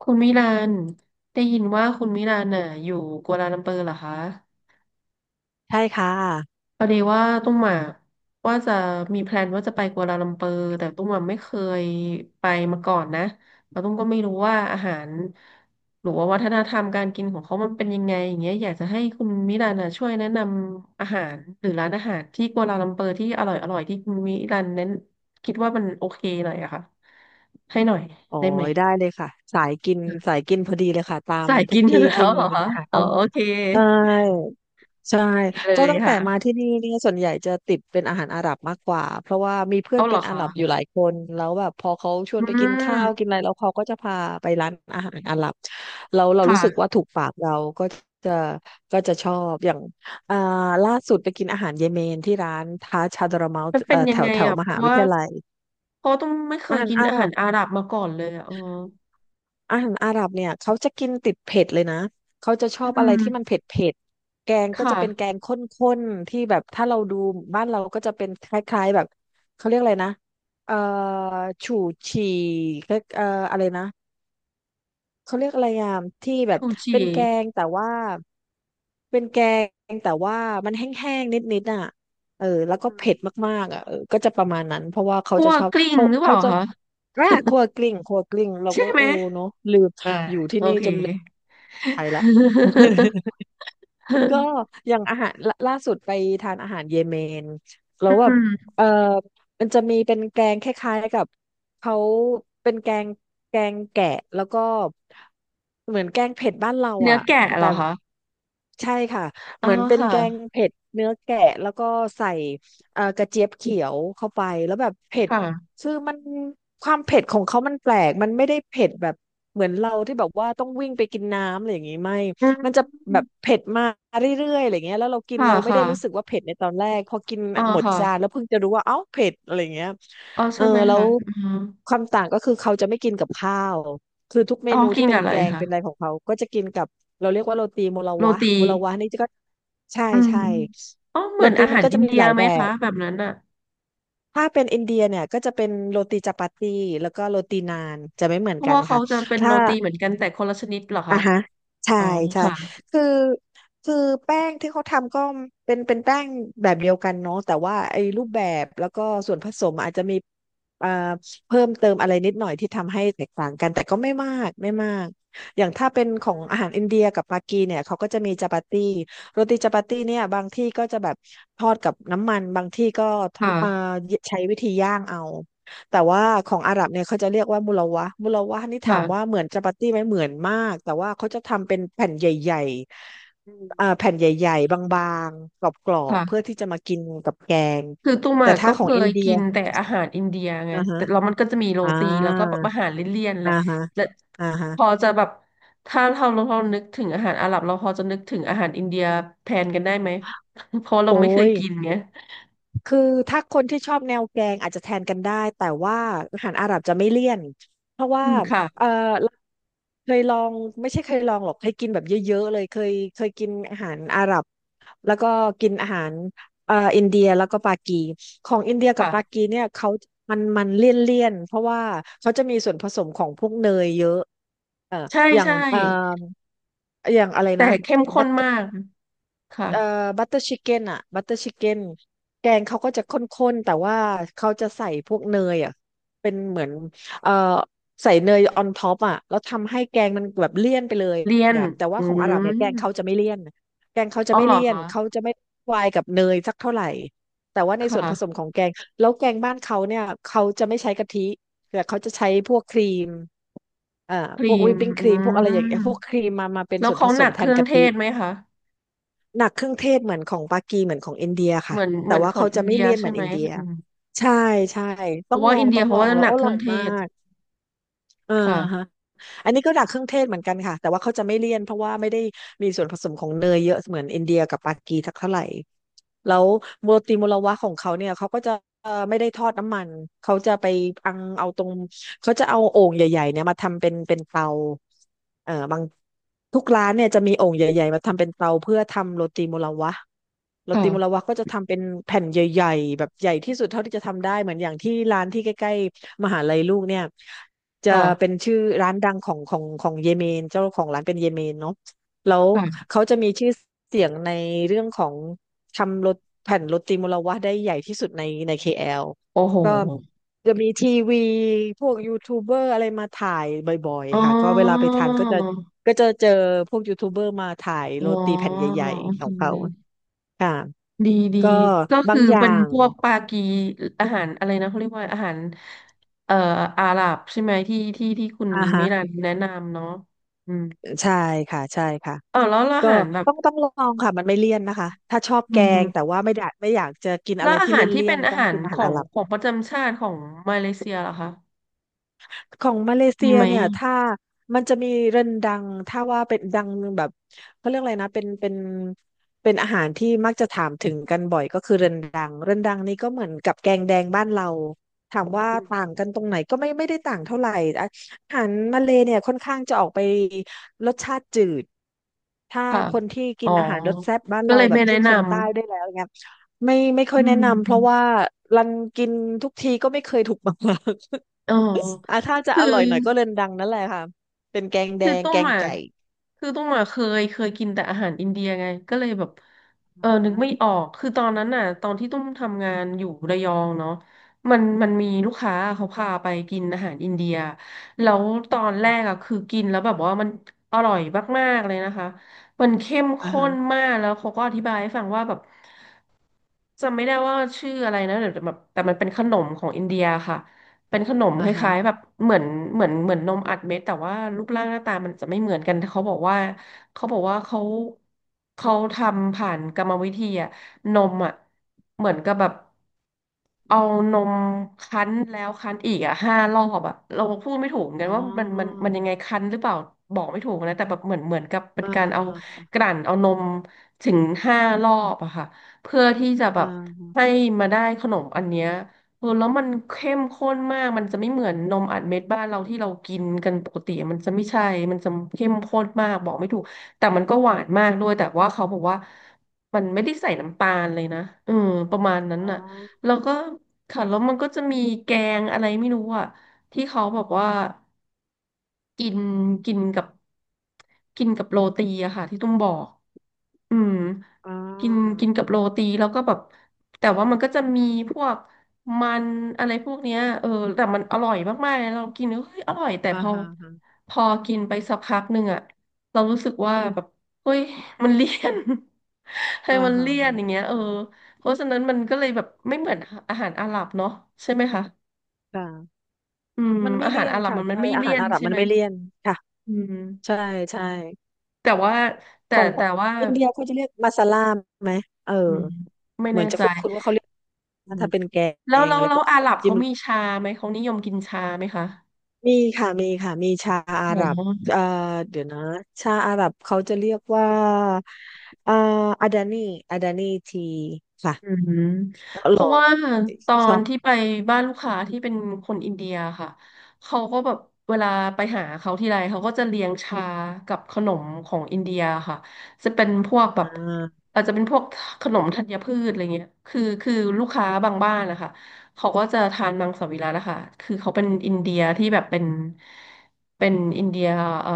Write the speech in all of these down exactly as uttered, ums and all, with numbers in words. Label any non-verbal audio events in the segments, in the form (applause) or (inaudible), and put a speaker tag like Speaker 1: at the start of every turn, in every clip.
Speaker 1: คุณมิลานได้ยินว่าคุณมิลานน่ะอยู่กัวลาลัมเปอร์เหรอคะ
Speaker 2: ใช่ค่ะ
Speaker 1: พอดีว่าตุ้มอ่ะว่าจะมีแพลนว่าจะไปกัวลาลัมเปอร์แต่ตุ้มอ่ะไม่เคยไปมาก่อนนะแล้วตุ้มก็ไม่รู้ว่าอาหารหรือว่าวัฒนธรรมการกินของเขามันเป็นยังไงอย่างเงี้ยอยากจะให้คุณมิลานน่ะช่วยแนะนำอาหารหรือร้านอาหารที่กัวลาลัมเปอร์ที่อร่อยอร่อยที่คุณมิลานนั้นคิดว่ามันโอเคหน่อยอะค่ะให้หน่อย
Speaker 2: โอ้
Speaker 1: ได้ไหม
Speaker 2: ยได้เลยค่ะสายกินสายกินพอดีเลยค่ะตาม
Speaker 1: สาย
Speaker 2: ทุ
Speaker 1: กิ
Speaker 2: ก
Speaker 1: นอยู่
Speaker 2: ที่ที่
Speaker 1: แล้วเหร
Speaker 2: มี
Speaker 1: อคะ
Speaker 2: อาหาร
Speaker 1: อ๋
Speaker 2: อ
Speaker 1: อ
Speaker 2: ร่อ
Speaker 1: โอ
Speaker 2: ย
Speaker 1: เค
Speaker 2: ใช่ใช่
Speaker 1: ดีเล
Speaker 2: ก็
Speaker 1: ย
Speaker 2: ตั้งแต่มาที่
Speaker 1: ค่ะ
Speaker 2: นี่เนี่ยส่วนใหญ่จะติดเป็นอาหารอาหรับมากกว่าเพราะว่ามีเพื่อ
Speaker 1: เอา
Speaker 2: น
Speaker 1: เหร
Speaker 2: เป็
Speaker 1: อ
Speaker 2: นอาห
Speaker 1: คะ
Speaker 2: รับอยู่หลายคนแล้วแบบพอเขาชว
Speaker 1: อื
Speaker 2: นไปกินข้าวกิน
Speaker 1: ม
Speaker 2: อะไรแล้วเขาก็จะพาไปร้านอาหารอาหรับเราเรารู้สึก
Speaker 1: ค่ะ
Speaker 2: ว่าถูกปากเราก็จะก็จะชอบอย่างอ่าล่าสุดไปกินอาหารเยเมนที่ร้านทาชาดราเมา
Speaker 1: มันเป็
Speaker 2: เอ่อ
Speaker 1: นยั
Speaker 2: แถ
Speaker 1: ง
Speaker 2: ว
Speaker 1: ไง
Speaker 2: แถว
Speaker 1: อ่ะ
Speaker 2: ม
Speaker 1: เพ
Speaker 2: หา
Speaker 1: ราะ
Speaker 2: วิ
Speaker 1: ว่า
Speaker 2: ทยาลัย
Speaker 1: เพราะต้องไม่เค
Speaker 2: อา
Speaker 1: ย
Speaker 2: หาร
Speaker 1: กิน
Speaker 2: อาห
Speaker 1: อา
Speaker 2: รั
Speaker 1: หาร
Speaker 2: บ
Speaker 1: อาหรับมาก่อนเลยอ่ะอ๋อ
Speaker 2: อาหารอาหรับเนี่ยเขาจะกินติดเผ็ดเลยนะเขาจะชอ
Speaker 1: อื
Speaker 2: บอะไร
Speaker 1: ม
Speaker 2: ที่มันเผ็ดเผ็ดแกง
Speaker 1: ค
Speaker 2: ก็จะเป็นแก
Speaker 1: ่ะ
Speaker 2: งข้นๆที่แบบถ้าเราดูบ้านเราก็จะเป็นคล้ายๆแบบเขาเรียกอะไรนะเอ่อฉู่ฉี่เอ่ออะไรนะ เขาเรียกอะไรอ่ะที่แบบ
Speaker 1: ชูชี
Speaker 2: เป็นแกงแต่ว่าเป็นแกงแต่ว่ามันแห้งๆนิดๆอ่ะเออแล้วก็
Speaker 1: อื
Speaker 2: เผ็ด
Speaker 1: ม
Speaker 2: มากๆอ่ะเออก็จะประมาณนั้นเพราะว่าเขา
Speaker 1: พ
Speaker 2: จะ
Speaker 1: ว
Speaker 2: ช
Speaker 1: ก
Speaker 2: อบ
Speaker 1: กลิ้
Speaker 2: เพ
Speaker 1: ง
Speaker 2: ราะ
Speaker 1: หรือเป
Speaker 2: เขา
Speaker 1: ล่า
Speaker 2: จะ
Speaker 1: คะ
Speaker 2: อ่าครัวกลิ้งครัวกลิ้งเรา
Speaker 1: ใช่
Speaker 2: ก็
Speaker 1: ไหม
Speaker 2: โอ้เนาะลืม
Speaker 1: อ่า
Speaker 2: อยู่ที่
Speaker 1: โอ
Speaker 2: นี่
Speaker 1: เค
Speaker 2: จนลืมไทยละ (laughs) ก็อย่างอาหารล่าล่าสุดไปทานอาหารเยเมนแล้
Speaker 1: อื
Speaker 2: วแบบ
Speaker 1: ม
Speaker 2: เออมันจะมีเป็นแกงคล้ายๆกับเขาเป็นแกงแกงแกะแล้วก็เหมือนแกงเผ็ดบ้านเรา
Speaker 1: เนื้อ
Speaker 2: อ่ะ
Speaker 1: แกะเหร
Speaker 2: แต่
Speaker 1: อคะ
Speaker 2: ใช่ค่ะ
Speaker 1: อ๋
Speaker 2: เห
Speaker 1: อ
Speaker 2: มือนเป็นแกง
Speaker 1: ค่ะ
Speaker 2: เผ็ดเนื้อแกะแล้วก็ใส่เอ่อกระเจี๊ยบเขียวเข้าไปแล้วแบบเผ็ด
Speaker 1: ค่ะ
Speaker 2: คือมันความเผ็ดของเขามันแปลกมันไม่ได้เผ็ดแบบเหมือนเราที่แบบว่าต้องวิ่งไปกินน้ำอะไรอย่างนี้ไม่
Speaker 1: อื
Speaker 2: มันจะแบ
Speaker 1: ม
Speaker 2: บเผ็ดมาเรื่อยๆอะไรเงี้ยแล้วเรากิน
Speaker 1: ค่ะ
Speaker 2: เราไม่
Speaker 1: ค่ะ
Speaker 2: ได้รู้สึกว่าเผ็ดในตอนแรก พอกิน
Speaker 1: อ๋อ
Speaker 2: หมดจาน
Speaker 1: ค่ะ
Speaker 2: แล้วเพิ่งจะรู้ว่า เอ้าเผ็ดอะไรเงี้ย
Speaker 1: อ๋อ
Speaker 2: เอ
Speaker 1: ใช่
Speaker 2: อ
Speaker 1: ไหม
Speaker 2: แล้
Speaker 1: คะ
Speaker 2: ว
Speaker 1: อืม
Speaker 2: ความต่างก็คือเขาจะไม่กินกับข้าว คือทุกเม
Speaker 1: อ๋อ
Speaker 2: นู
Speaker 1: กิ
Speaker 2: ที่
Speaker 1: น
Speaker 2: เป็
Speaker 1: กับ
Speaker 2: น
Speaker 1: อะไร
Speaker 2: แกง
Speaker 1: คะ
Speaker 2: เป็นอะไรของเขาก็จะกินกับเราเรียกว่าโรตีโมลา
Speaker 1: โร
Speaker 2: วะ
Speaker 1: ตี
Speaker 2: โมลาวะนี่ก็ใช่
Speaker 1: อืม
Speaker 2: ใช่
Speaker 1: อ๋อเห
Speaker 2: โร
Speaker 1: มือน
Speaker 2: ตี
Speaker 1: อา
Speaker 2: มั
Speaker 1: หา
Speaker 2: น
Speaker 1: ร
Speaker 2: ก็
Speaker 1: อิ
Speaker 2: จะ
Speaker 1: น
Speaker 2: มี
Speaker 1: เดีย
Speaker 2: หลาย
Speaker 1: ไหม
Speaker 2: แบ
Speaker 1: คะ
Speaker 2: บ
Speaker 1: แบบนั้นอ่ะ
Speaker 2: ถ้าเป็นอินเดียเนี่ยก็จะเป็นโรตีจัปาตีแล้วก็โรตีนานจะไม่เหมือ
Speaker 1: เพ
Speaker 2: น
Speaker 1: ราะ
Speaker 2: กัน
Speaker 1: ว่าเขา
Speaker 2: ค่ะ
Speaker 1: จะเป็นโร
Speaker 2: ถ้า
Speaker 1: ตีเหมือนกันแต่คนละชนิดเหรอ
Speaker 2: อ่ะ
Speaker 1: คะ
Speaker 2: ฮะใช่
Speaker 1: อ๋อ
Speaker 2: ใช่
Speaker 1: ค่ะ
Speaker 2: คือคือแป้งที่เขาทำก็เป็นเป็นแป้งแบบเดียวกันเนาะแต่ว่าไอ้รูปแบบแล้วก็ส่วนผสมอาจจะมีเอ่อเพิ่มเติมอะไรนิดหน่อยที่ทำให้แตกต่างกันแต่ก็ไม่มากไม่มากอย่างถ้าเป็น
Speaker 1: อื
Speaker 2: ของอาหารอิ
Speaker 1: ม
Speaker 2: นเดียกับปากีเนี่ยเขาก็จะมีจาปาตี้โรตีจาปาตี้เนี่ยบางที่ก็จะแบบทอดกับน้ำมันบางที่ก็
Speaker 1: ค
Speaker 2: ทำเอ่อ
Speaker 1: ่ะ
Speaker 2: ใช้วิธีย่างเอา แต่ว่าของอาหรับเนี่ยเขาจะเรียกว่ามุลาวะห์มุลาวะห์นี่ถามว่า
Speaker 1: ค่ะ
Speaker 2: เหมือนจาปาตี้ไหมเหมือนมากแต่ว่าเขาจะทำเป็นแผ่นใหญ่
Speaker 1: อืม
Speaker 2: ๆอ่าแผ่นใหญ่ๆบางๆกรอบๆเพื่อ
Speaker 1: ค่ะ
Speaker 2: ที่จะมากินกับแกง
Speaker 1: คือตุ้ม
Speaker 2: แต่
Speaker 1: อะ
Speaker 2: ถ้า
Speaker 1: ก็
Speaker 2: ข
Speaker 1: เค
Speaker 2: องอิน
Speaker 1: ย
Speaker 2: เดีย
Speaker 1: กินแต่อาหารอินเดียไง
Speaker 2: อ่าฮะ
Speaker 1: แต่เรามันก็จะมีโร
Speaker 2: อ่
Speaker 1: ตีแล้วก็แบ
Speaker 2: า
Speaker 1: บอาหารเลี่ยนๆแห
Speaker 2: อ่า
Speaker 1: ละ
Speaker 2: ฮะ
Speaker 1: และ
Speaker 2: อ่าฮะ
Speaker 1: พอจะแบบถ้าเราเราเรานึกถึงอาหารอาหรับเราพอจะนึกถึงอาหารอินเดียแทนกันได้ไหม (laughs) เพราะเรา
Speaker 2: โอ้
Speaker 1: ไม่เคย
Speaker 2: ย
Speaker 1: กินไง
Speaker 2: คือถ้าคนที่ชอบแนวแกงอาจจะแทนกันได้แต่ว่าอาหารอาหรับจะไม่เลี่ยนเพราะ
Speaker 1: อื
Speaker 2: ว่า
Speaker 1: มค่ะ
Speaker 2: เออเคยลองไม่ใช่เคยลองหรอกเคยกินแบบเยอะๆเลยเคยเคยกินอาหารอาหรับแล้วก็กินอาหารเอ่ออินเดียแล้วก็ปากีของอินเดียกับปา
Speaker 1: ค่ะ
Speaker 2: กีเนี่ยเขามันมันเลี่ยนเลี่ยนเพราะว่าเขาจะมีส่วนผสมของพวกเนยเยอะเอ่อ
Speaker 1: ใช่
Speaker 2: อย่าง
Speaker 1: ใช่
Speaker 2: เอ่ออย่างอะไร
Speaker 1: แต่
Speaker 2: นะ
Speaker 1: เข้มข้
Speaker 2: บั
Speaker 1: น
Speaker 2: ตเต
Speaker 1: มาก ค่ะ
Speaker 2: เอ่อบัตเตอร์ชิคเก้นอะบัตเตอร์ชิคเก้นแกงเขาก็จะข้นๆแต่ว่าเขาจะใส่พวกเนยอะเป็นเหมือนเอ่อใส่เนยออนท็อปอะแล้วทำให้แกงมันแบบเลี่ยนไปเลย
Speaker 1: เรียน
Speaker 2: อะแต่ว่า
Speaker 1: อื
Speaker 2: ของอาหรับ
Speaker 1: ม
Speaker 2: เนี่ยแกงเขาจะไม่เลี่ยนแกงเขาจะ
Speaker 1: อ๋อ
Speaker 2: ไม่
Speaker 1: เหรอ
Speaker 2: เลี่ยน
Speaker 1: คะ
Speaker 2: เขาจะไม่วายกับเนยสักเท่าไหร่แต่ว่า
Speaker 1: ค
Speaker 2: ในส่วนผสมข
Speaker 1: ่ะ
Speaker 2: องแกงแล้วแกงบ้านเขาเนี่ยเขาจะไม่ใช้กะทิแต่เขาจะใช้พวกครีมอ่า
Speaker 1: ค
Speaker 2: พว
Speaker 1: รี
Speaker 2: ก
Speaker 1: ม
Speaker 2: วิปปิ้งค
Speaker 1: อื
Speaker 2: รีมพวกอะไรอย่างเงี้ยพ
Speaker 1: ม
Speaker 2: วกครีมมามาเป็น
Speaker 1: แล้ว
Speaker 2: ส่วน
Speaker 1: เขา
Speaker 2: ผส
Speaker 1: หนั
Speaker 2: ม
Speaker 1: ก
Speaker 2: แท
Speaker 1: เค
Speaker 2: น
Speaker 1: รื่อง
Speaker 2: กะ
Speaker 1: เท
Speaker 2: ทิ
Speaker 1: ศไหมคะ
Speaker 2: หนักเครื่องเทศเหมือนของปากีเหมือนของอินเดีย
Speaker 1: เห
Speaker 2: ค่ะ
Speaker 1: มือนเห
Speaker 2: แต่
Speaker 1: มือน
Speaker 2: ว่า
Speaker 1: ของ
Speaker 2: เขา
Speaker 1: อิ
Speaker 2: จะ
Speaker 1: น
Speaker 2: ไม่
Speaker 1: เดีย
Speaker 2: เลี่ยนเห
Speaker 1: ใช่
Speaker 2: มือน
Speaker 1: ไหม
Speaker 2: อินเดีย
Speaker 1: อืม
Speaker 2: ใช่ใช่
Speaker 1: เพ
Speaker 2: ต้อ
Speaker 1: ราะ
Speaker 2: ง
Speaker 1: ว่า
Speaker 2: ลอ
Speaker 1: อิ
Speaker 2: ง
Speaker 1: นเดี
Speaker 2: ต้
Speaker 1: ย
Speaker 2: อง
Speaker 1: เขา
Speaker 2: ลอ
Speaker 1: ว่า
Speaker 2: งแล้
Speaker 1: ห
Speaker 2: ว
Speaker 1: นั
Speaker 2: อ
Speaker 1: กเค
Speaker 2: ร่
Speaker 1: รื่
Speaker 2: อ
Speaker 1: อ
Speaker 2: ย
Speaker 1: งเท
Speaker 2: มา
Speaker 1: ศ
Speaker 2: กอออฮะ
Speaker 1: ค่ะ
Speaker 2: อันนี้ก็หนักเครื่องเทศเหมือนกันค่ะแต่ว่าเขาจะไม่เลี่ยนเพราะว่าไม่ได้มีส่วนผสมของเนยเยอะเหมือนอินเดียกับปากีสักเท่าไหร่แล้วโมติโมลาวะของเขาเนี่ยเขาก็จะเอ่อไม่ได้ทอดน้ำมันเขาจะไปอังเอาตรงเขาจะเอาโอ่งใหญ่ๆเนี่ยมาทำเป็นเป็นเตาเอ่อบางทุกร้านเนี่ยจะมีโอ่งใหญ่ๆมาทำเป็นเตาเพื่อทำโรตีโมลาวะโรตีโมลาวะ
Speaker 1: ค่ะ
Speaker 2: ก็จะทำเป็นแผ่นใหญ่ๆแบบใหญ่ที่สุดเท่าที่จะทำได้เหมือนอย่างที่ร้านที่ใกล้ๆมหาลัยลูกเนี่ย จะเป็น
Speaker 1: ค่ะ
Speaker 2: ชื่อร้านดังของของของเยเมนเจ้าของร้านเป็นเยเมนเนาะแล้ว
Speaker 1: ค่ะ
Speaker 2: เขาจะมีชื่อเสียงในเรื่องของทำโรตแผ่นโรตีมุลาวะได้ใหญ่ที่สุดในใน เค แอล
Speaker 1: โอ้โห
Speaker 2: ก็จะมีทีวีพวกยูทูบเบอร์อะไรมาถ่ายบ่อย
Speaker 1: อ๋อ
Speaker 2: ๆค่ะก็เวลาไปทานก็จะก็จะเจอพวกยูทูบเบอร์มาถ่าย
Speaker 1: อ๋อ
Speaker 2: โรตีแผ่นใหญ่
Speaker 1: โอ
Speaker 2: ๆข
Speaker 1: เค
Speaker 2: องเขาค่ะ
Speaker 1: ดีดี
Speaker 2: ก็
Speaker 1: ก็
Speaker 2: บา
Speaker 1: คือ
Speaker 2: งอย่า
Speaker 1: เป็น
Speaker 2: ง
Speaker 1: พวกปากีอาหารอะไรนะเขาเรียกว่าอาหารเอ่ออาหรับใช่ไหมที่ที่ที่คุณ
Speaker 2: อ่า
Speaker 1: มิ
Speaker 2: ฮะ
Speaker 1: รันแนะนำเนาะอืม
Speaker 2: ใช่ค่ะใช่ค่ะ
Speaker 1: เออแล้วอา
Speaker 2: ก็
Speaker 1: หารแบบ
Speaker 2: ต้องต้องลองค่ะมันไม่เลี่ยนนะคะถ้าชอบ
Speaker 1: อื
Speaker 2: แกงแต่
Speaker 1: ม
Speaker 2: ว่าไม่ได้ไม่อยากจะกิน
Speaker 1: แล้
Speaker 2: อะไร
Speaker 1: วอา
Speaker 2: ที่
Speaker 1: หา
Speaker 2: เล
Speaker 1: รที่
Speaker 2: ี่ย
Speaker 1: เป็น
Speaker 2: นๆ
Speaker 1: อา
Speaker 2: ต้อง
Speaker 1: หาร
Speaker 2: กินอา
Speaker 1: ข
Speaker 2: หาร
Speaker 1: อง
Speaker 2: อะไร
Speaker 1: ของประจำชาติของมาเลเซียเหรอคะ
Speaker 2: ของมาเลเซี
Speaker 1: มี
Speaker 2: ย
Speaker 1: ไหม
Speaker 2: เนี่ย
Speaker 1: อะ
Speaker 2: ถ้ามันจะมีเรนดังถ้าว่าเป็นดังแบบเขาเรียกอะไรนะเป็นเป็นเป็นอาหารที่มักจะถามถึงกันบ่อยก็คือเรนดังเรนดังนี่ก็เหมือนกับแกงแดงบ้านเราถามว่า
Speaker 1: อื
Speaker 2: ต่าง
Speaker 1: ม
Speaker 2: กันตรงไหนก็ไม่ไม่ได้ต่างเท่าไหร่อะอาหารมาเลเนี่ยค่อนข้างจะออกไปรสชาติจืดถ้า
Speaker 1: ค่ะ
Speaker 2: คนที่กิ
Speaker 1: อ๋อ
Speaker 2: นอาหารรสแซ่บบ้าน
Speaker 1: ก็
Speaker 2: เรา
Speaker 1: เลย
Speaker 2: แบบ
Speaker 1: ไม่แนะ
Speaker 2: ยิ่ง
Speaker 1: น
Speaker 2: คนใต้ได้วยแล้วอย่างเงี้ยไม่ไม่
Speaker 1: ำ
Speaker 2: ค่อ
Speaker 1: อื
Speaker 2: ยแนะนำเพ
Speaker 1: ม
Speaker 2: ราะว่ารันกินทุกทีก็ไม่เคยถูกมาก
Speaker 1: อ๋อ
Speaker 2: อ่ะถ้าจะ
Speaker 1: คื
Speaker 2: อ
Speaker 1: อ
Speaker 2: ร่อยหน่อยก็เรอนดังนั่นแหละค่ะเป็นแกงแด
Speaker 1: คือ
Speaker 2: ง
Speaker 1: ตุ้
Speaker 2: แก
Speaker 1: ม
Speaker 2: ง
Speaker 1: อ่ะ
Speaker 2: ไก่
Speaker 1: คือตุ้มอ่ะเคยเคยกินแต่อาหารอินเดียไงก็เลยแบบเอ
Speaker 2: อ่า
Speaker 1: อ
Speaker 2: ฮะ
Speaker 1: นึกไม่ออกคือตอนนั้นน่ะตอนที่ตุ้มทำงานอยู่ระยองเนาะมันมันมีลูกค้าเขาพาไปกินอาหารอินเดียแล้วตอนแรกอ่ะคือกินแล้วแบบว่ามันอร่อยมากๆเลยนะคะมันเข้ม
Speaker 2: อ่า
Speaker 1: ข้
Speaker 2: ฮะ
Speaker 1: นมากแล้วเขาก็อธิบายให้ฟังว่าแบบจำไม่ได้ว่าชื่ออะไรนะเดี๋ยวแบบแต่มันเป็นขนมของอินเดียค่ะ เป็นขนมค
Speaker 2: อ่าฮะ
Speaker 1: ล้ายๆแบบเหมือนเหมือนเหมือนนมอัดเม็ดแต่ว่ารูปร่างหน้าตามันจะไม่เหมือนกันแต่เขาบอกว่าเขาบอกว่าเขาเขาทำผ่านกรรมวิธีอะนมอะเหมือนกับแบบ เอานมคั้นแล้วคั้นอีกอ่ะห้ารอบอ่ะเราพูดไม่ถูกเหมือนกั
Speaker 2: อ๋
Speaker 1: นว่ามันมัน
Speaker 2: อ
Speaker 1: มันยังไงคั้นหรือเปล่าบอกไม่ถูกนะแต่แบบเหมือนเหมือนกับเป็น
Speaker 2: อ่า
Speaker 1: การ
Speaker 2: ฮะ
Speaker 1: เอา
Speaker 2: อ่าฮะ
Speaker 1: กลั่นเอานมถึงห้ารอบอะค่ะเพื่อที่จะแบ
Speaker 2: อ่
Speaker 1: บ
Speaker 2: า
Speaker 1: ให้มาได้ขนมอันเนี้ยเออแล้วมันเข้มข้นมากมันจะไม่เหมือนนมอัดเม็ดบ้านเราที่เรากินกันปกติมันจะไม่ใช่มันจะเข้มข้นมากบอกไม่ถูกแต่มันก็หวานมากด้วยแต่ว่าเขาบอกว่ามันไม่ได้ใส่น้ำตาลเลยนะเออประมาณนั้น
Speaker 2: อ๋อ
Speaker 1: น่ะ แล้วก็ค่ะแล้วมันก็จะมีแกงอะไรไม่รู้อ่ะที่เขาบอกว่า กินกินกับกินกับโรตีอะค่ะที่ตุ้มบอกอืม
Speaker 2: อ๋
Speaker 1: กิน
Speaker 2: อ
Speaker 1: กินกับโรตีแล้วก็แบบแต่ว่ามันก็จะมีพวกมันอะไรพวกเนี้ยเออแต่มันอร่อยมากๆเลยเรากินแล้วเฮ้ยอร่อยแต่
Speaker 2: อ่า
Speaker 1: พอ
Speaker 2: ฮะอ่าฮะ
Speaker 1: พอกินไปสักพักหนึ่งอะเรารู้สึกว่าแบบเฮ้ยมันเลี่ยน (laughs) ให้
Speaker 2: อ่า
Speaker 1: มัน
Speaker 2: ฮะ
Speaker 1: เลี่ยนอย่างเงี้ยเออเพราะฉะนั้นมันก็เลยแบบไม่เหมือนอาหารอาหรับเนาะใช่ไหมคะ
Speaker 2: ค่ะ
Speaker 1: อืม
Speaker 2: มันไม่
Speaker 1: อาหา
Speaker 2: เลี่
Speaker 1: ร
Speaker 2: ยน
Speaker 1: อาหรับ
Speaker 2: ค่ะ
Speaker 1: มันมัน
Speaker 2: ใช่
Speaker 1: ไม่
Speaker 2: อา
Speaker 1: เลี่
Speaker 2: หาร
Speaker 1: ยน
Speaker 2: อาหรับ
Speaker 1: ใช่
Speaker 2: มั
Speaker 1: ไห
Speaker 2: น
Speaker 1: ม
Speaker 2: ไม่เลี่ยนค่ะ
Speaker 1: อืม
Speaker 2: ใช่ใช่
Speaker 1: แต่ว่า
Speaker 2: ข
Speaker 1: แต่
Speaker 2: องค
Speaker 1: แต่
Speaker 2: น
Speaker 1: ว่า
Speaker 2: อินเดียเขาจะเรียกมาซาลาไหมเออ
Speaker 1: อืมไม่
Speaker 2: เหมื
Speaker 1: แน่
Speaker 2: อนจะ
Speaker 1: ใจ
Speaker 2: คุ้นๆว่าเขาเรียก
Speaker 1: อืม
Speaker 2: ถ้าเป็นแก
Speaker 1: แล้ว
Speaker 2: ง
Speaker 1: แล้ว
Speaker 2: อะไร
Speaker 1: แล้
Speaker 2: พ
Speaker 1: ว
Speaker 2: วก
Speaker 1: อา
Speaker 2: ข
Speaker 1: ห
Speaker 2: อ
Speaker 1: รั
Speaker 2: ง
Speaker 1: บ
Speaker 2: จิ้
Speaker 1: เขา
Speaker 2: ม
Speaker 1: มีชาไหมเขานิยมกินชาไหมคะ
Speaker 2: มีค่ะมีค่ะมีชาอา
Speaker 1: อ๋
Speaker 2: ห
Speaker 1: อ
Speaker 2: รับเอ่อเดี๋ยวนะชาอาหรับเขาจะเรียกว่าอ่าอาดานีอาดานีทีค่ะ
Speaker 1: อืม
Speaker 2: อ
Speaker 1: เพ
Speaker 2: ร่
Speaker 1: ราะ
Speaker 2: อย
Speaker 1: ว่าตอ
Speaker 2: ชอ
Speaker 1: น
Speaker 2: บ
Speaker 1: ที่ไปบ้านลูกค้าที่เป็นคนอินเดียค่ะเขาก็แบบเวลาไปหาเขาทีไรเขาก็จะเลี้ยงชากับขนมของอินเดียค่ะจะเป็นพวกแบ
Speaker 2: อ่
Speaker 1: บ
Speaker 2: า
Speaker 1: อาจจะเป็นพวกขนมธัญพืชอะไรเงี้ยคือคือลูกค้าบางบ้านนะคะเขาก็จะทานมังสวิรัตินะคะคือเขาเป็นอินเดียที่แบบเป็นเป็นอินเดียเอ่อ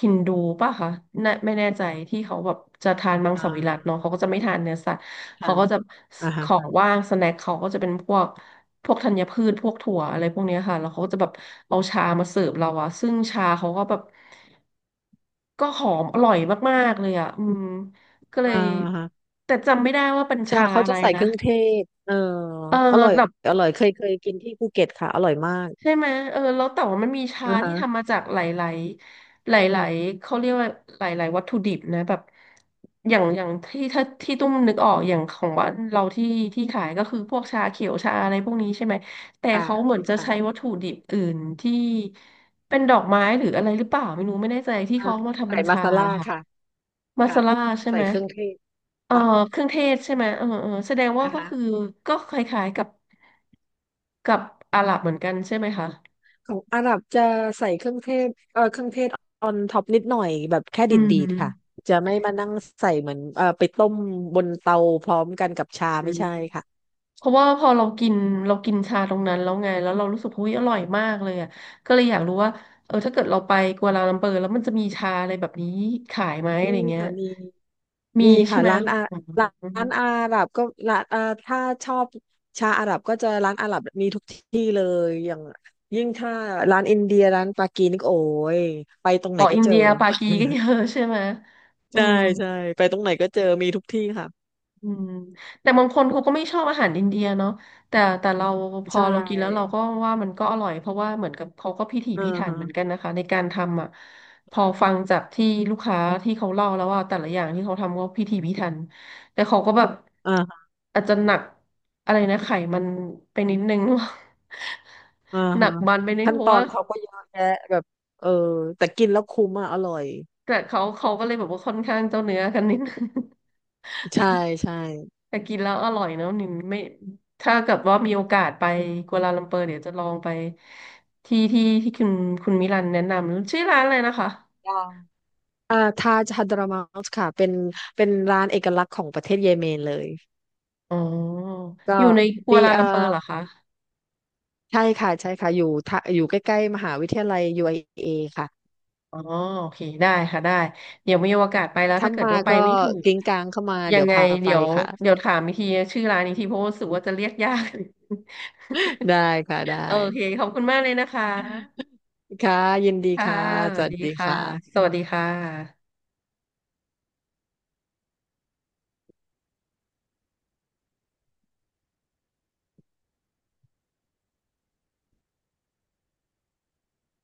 Speaker 1: ฮินดูป่ะคะน่ะไม่แน่ใจที่เขาแบบจะทานมัง
Speaker 2: อ่า
Speaker 1: สวิรัติเนาะเขาก็จะไม่ทานเนื้อสัตว์
Speaker 2: ค่ะ
Speaker 1: เขาก็จะ
Speaker 2: อ่า
Speaker 1: ข
Speaker 2: ฮะ
Speaker 1: องว่างสแน็คเขาก็จะเป็นพวกพวกธัญพืชพวกถั่วอะไรพวกเนี้ยค่ะแล้วเขาก็จะแบบเอาชามาเสิร์ฟเราอะซึ่งชาเขาก็แบบก็หอมอร่อยมากๆเลยอะอืมก็เล
Speaker 2: อ่า
Speaker 1: ย
Speaker 2: ฮะ
Speaker 1: แต่จำไม่ได้ว่าเป็น
Speaker 2: ชา
Speaker 1: ชา
Speaker 2: เขา
Speaker 1: อะ
Speaker 2: จะ
Speaker 1: ไร
Speaker 2: ใส่เค
Speaker 1: นะ
Speaker 2: รื่องเทศเออ
Speaker 1: เออ
Speaker 2: อร่อย
Speaker 1: แบบ
Speaker 2: อร่อยเคยเคยกินที่ภูเก็ตค่ะอร่อยมาก
Speaker 1: ใช่ไหมเออแล้วแต่ว่ามันมีชา
Speaker 2: อ่า
Speaker 1: ที่
Speaker 2: ฮะ
Speaker 1: ทำมาจากหลายๆหลายๆเขาเรียกว่าหลายๆวัตถุดิบนะแบบอย่างอย่างที่ถ้าที่ตุ้มนึกออกอย่างของบ้านเราที่ที่ขายก็คือพวกชาเขียวชาอะไรพวกนี้ใช่ไหมแต่
Speaker 2: ค่ะ
Speaker 1: เขาเหมือนจะใช้
Speaker 2: ค่ะ
Speaker 1: วัตถุดิบอื่นที่เป็นดอกไม้หรืออะไรหรือเปล่าไม่รู้ไม่แน่ใจที่
Speaker 2: อ่า
Speaker 1: เขามาทำ
Speaker 2: ใส่
Speaker 1: เป็น
Speaker 2: มา
Speaker 1: ชา
Speaker 2: ซาล่า
Speaker 1: ค่ะ
Speaker 2: ค่ะ
Speaker 1: มา
Speaker 2: ค่ะ
Speaker 1: ซาล่าใช่
Speaker 2: ใส่
Speaker 1: ไหม
Speaker 2: เครื่องเทศ
Speaker 1: เอ่อ
Speaker 2: ค่ะ
Speaker 1: เครื่องเทศใช่ไหมเออเออแสดงว่า
Speaker 2: อ่า
Speaker 1: ก็
Speaker 2: ฮะ
Speaker 1: คือก็คล้ายๆกับกับอาหรับเหมือนกันใช่ไหมคะ
Speaker 2: ของอาหรับจะใส่เครื่องเทศเออเครื่องเทศออนท็อปนิดหน่อยแบบแค่
Speaker 1: อื
Speaker 2: ดีดๆค่ะ
Speaker 1: ม
Speaker 2: จะไม่มานั่งใส่เหมือนเออไปต้มบนเตาพร้อมกันกับชา
Speaker 1: อื
Speaker 2: ไม่
Speaker 1: ม
Speaker 2: ใช่ค่ะ
Speaker 1: เพราะว่าพอเรากินเรากินชาตรงนั้นแล้วไงแล้วเรารู้สึกหุ้ยอร่อยมากเลยอ่ะก็เลยอยากรู้ว่าเออถ้าเกิดเราไปกัวลาลัมเปอร์แล้วมันจะมีชาอะไรแบบนี้ขายไหมอะ
Speaker 2: มี
Speaker 1: ไรเงี้ย
Speaker 2: ค่ะมี
Speaker 1: มี
Speaker 2: มี
Speaker 1: ใช่
Speaker 2: ค่ะ
Speaker 1: ไหม
Speaker 2: ร้านอา
Speaker 1: อ
Speaker 2: ร้านอา
Speaker 1: ม
Speaker 2: หรับก็ร้านเอ่อถ้าชอบชาอาหรับก็จะร้านอาหรับมีทุกที่เลยอย่างยิ่งถ้าร้านอินเดียร้านปากีนี่ก็โอ้ยไปตรงไห
Speaker 1: อ๋
Speaker 2: น
Speaker 1: อ
Speaker 2: ก็
Speaker 1: อิน
Speaker 2: เจอ
Speaker 1: เดียปากีก็เยอะใช่ไหม
Speaker 2: (laughs)
Speaker 1: อื
Speaker 2: ใช่
Speaker 1: ม
Speaker 2: ใช่ไปตรงไหนก็เจอมีทุกที่ค่ะ
Speaker 1: อืมแต่บางคนเขาก็ไม่ชอบอาหารอินเดียเนาะแต่แต่เราพ
Speaker 2: ใช
Speaker 1: อเรากินแล้วเรา
Speaker 2: ่
Speaker 1: ก็ว่ามันก็อร่อยเพราะว่าเหมือนกับเขาก็พิถี
Speaker 2: อ่า
Speaker 1: พิถัน
Speaker 2: ฮะ
Speaker 1: เหมือนกันนะคะในการทำอ่ะพอฟังจากที่ลูกค้าที่เขาเล่าแล้วว่าแต่ละอย่างที่เขาทำก็พิถีพิถันแต่เขาก็แบบ
Speaker 2: อ่า
Speaker 1: อาจจะหนักอะไรนะไขมันไปนิดนึง
Speaker 2: อ่า
Speaker 1: (laughs) หนั
Speaker 2: ฮะ
Speaker 1: กมันไปนิด
Speaker 2: ขั้น
Speaker 1: เพ
Speaker 2: ต
Speaker 1: ราะ
Speaker 2: อ
Speaker 1: ว่า
Speaker 2: นเขาก็เยอะแยะแบบเออแต่กินแล้วคุ้มอ่ะอร่อย
Speaker 1: แต่เขาเขาก็เลยแบบว่าค่อนข้างเจ้าเนื้อกันนิดนึง
Speaker 2: ใช่ใช่
Speaker 1: แต่กินแล้วอร่อยเนอะนิมไม่ถ้าเกิดว่ามีโอกาสไปกัวลาลัมเปอร์เดี๋ยวจะลองไปที่ที่ที่คุณคุณมิลันแนะนำชื่อร้านอะไรนะคะ
Speaker 2: ยังอ่าทาจฮัดรามัสค่ะเป็นเป็นร้านเอกลักษณ์ของประเทศเยเมนเลย
Speaker 1: อ๋ออ
Speaker 2: ก็
Speaker 1: ยู่ในกัว
Speaker 2: มี
Speaker 1: ลาลั
Speaker 2: เอ่
Speaker 1: มเปอ
Speaker 2: อ
Speaker 1: ร์เหรอคะ
Speaker 2: ใช่ค่ะใช่ค่ะอยู่ทะอยู่ใกล้ๆมหาวิทยาลัย ยู ไอ เอ ค่ะ
Speaker 1: อ๋อโอเคได้ค่ะได้เดี๋ยวมีโอกาสไปแล้ว
Speaker 2: ถ้า
Speaker 1: ถ้าเกิด
Speaker 2: มา
Speaker 1: ว่าไป
Speaker 2: ก็
Speaker 1: ไม่ถูก
Speaker 2: กิ้งกลางเข้ามา
Speaker 1: ยั
Speaker 2: เดี๋
Speaker 1: ง
Speaker 2: ยว
Speaker 1: ไง
Speaker 2: พาไป
Speaker 1: เดี๋ยว
Speaker 2: ค่ะ
Speaker 1: เดี๋ยวถามอีกทีชื่อร้านอีกทีเพราะว่ารู้สึกว่าจะเรียกยาก
Speaker 2: (laughs) ได้ค่ะ
Speaker 1: (laughs) โอ
Speaker 2: ได้
Speaker 1: เคขอบคุณมากเลยนะคะ
Speaker 2: ค่ะยินดี
Speaker 1: ค่ะ
Speaker 2: ค่ะ
Speaker 1: ส
Speaker 2: ส
Speaker 1: วัส
Speaker 2: วัส
Speaker 1: ดี
Speaker 2: ดีค
Speaker 1: ค่ะส
Speaker 2: ่ะ
Speaker 1: วัสดีค่ะ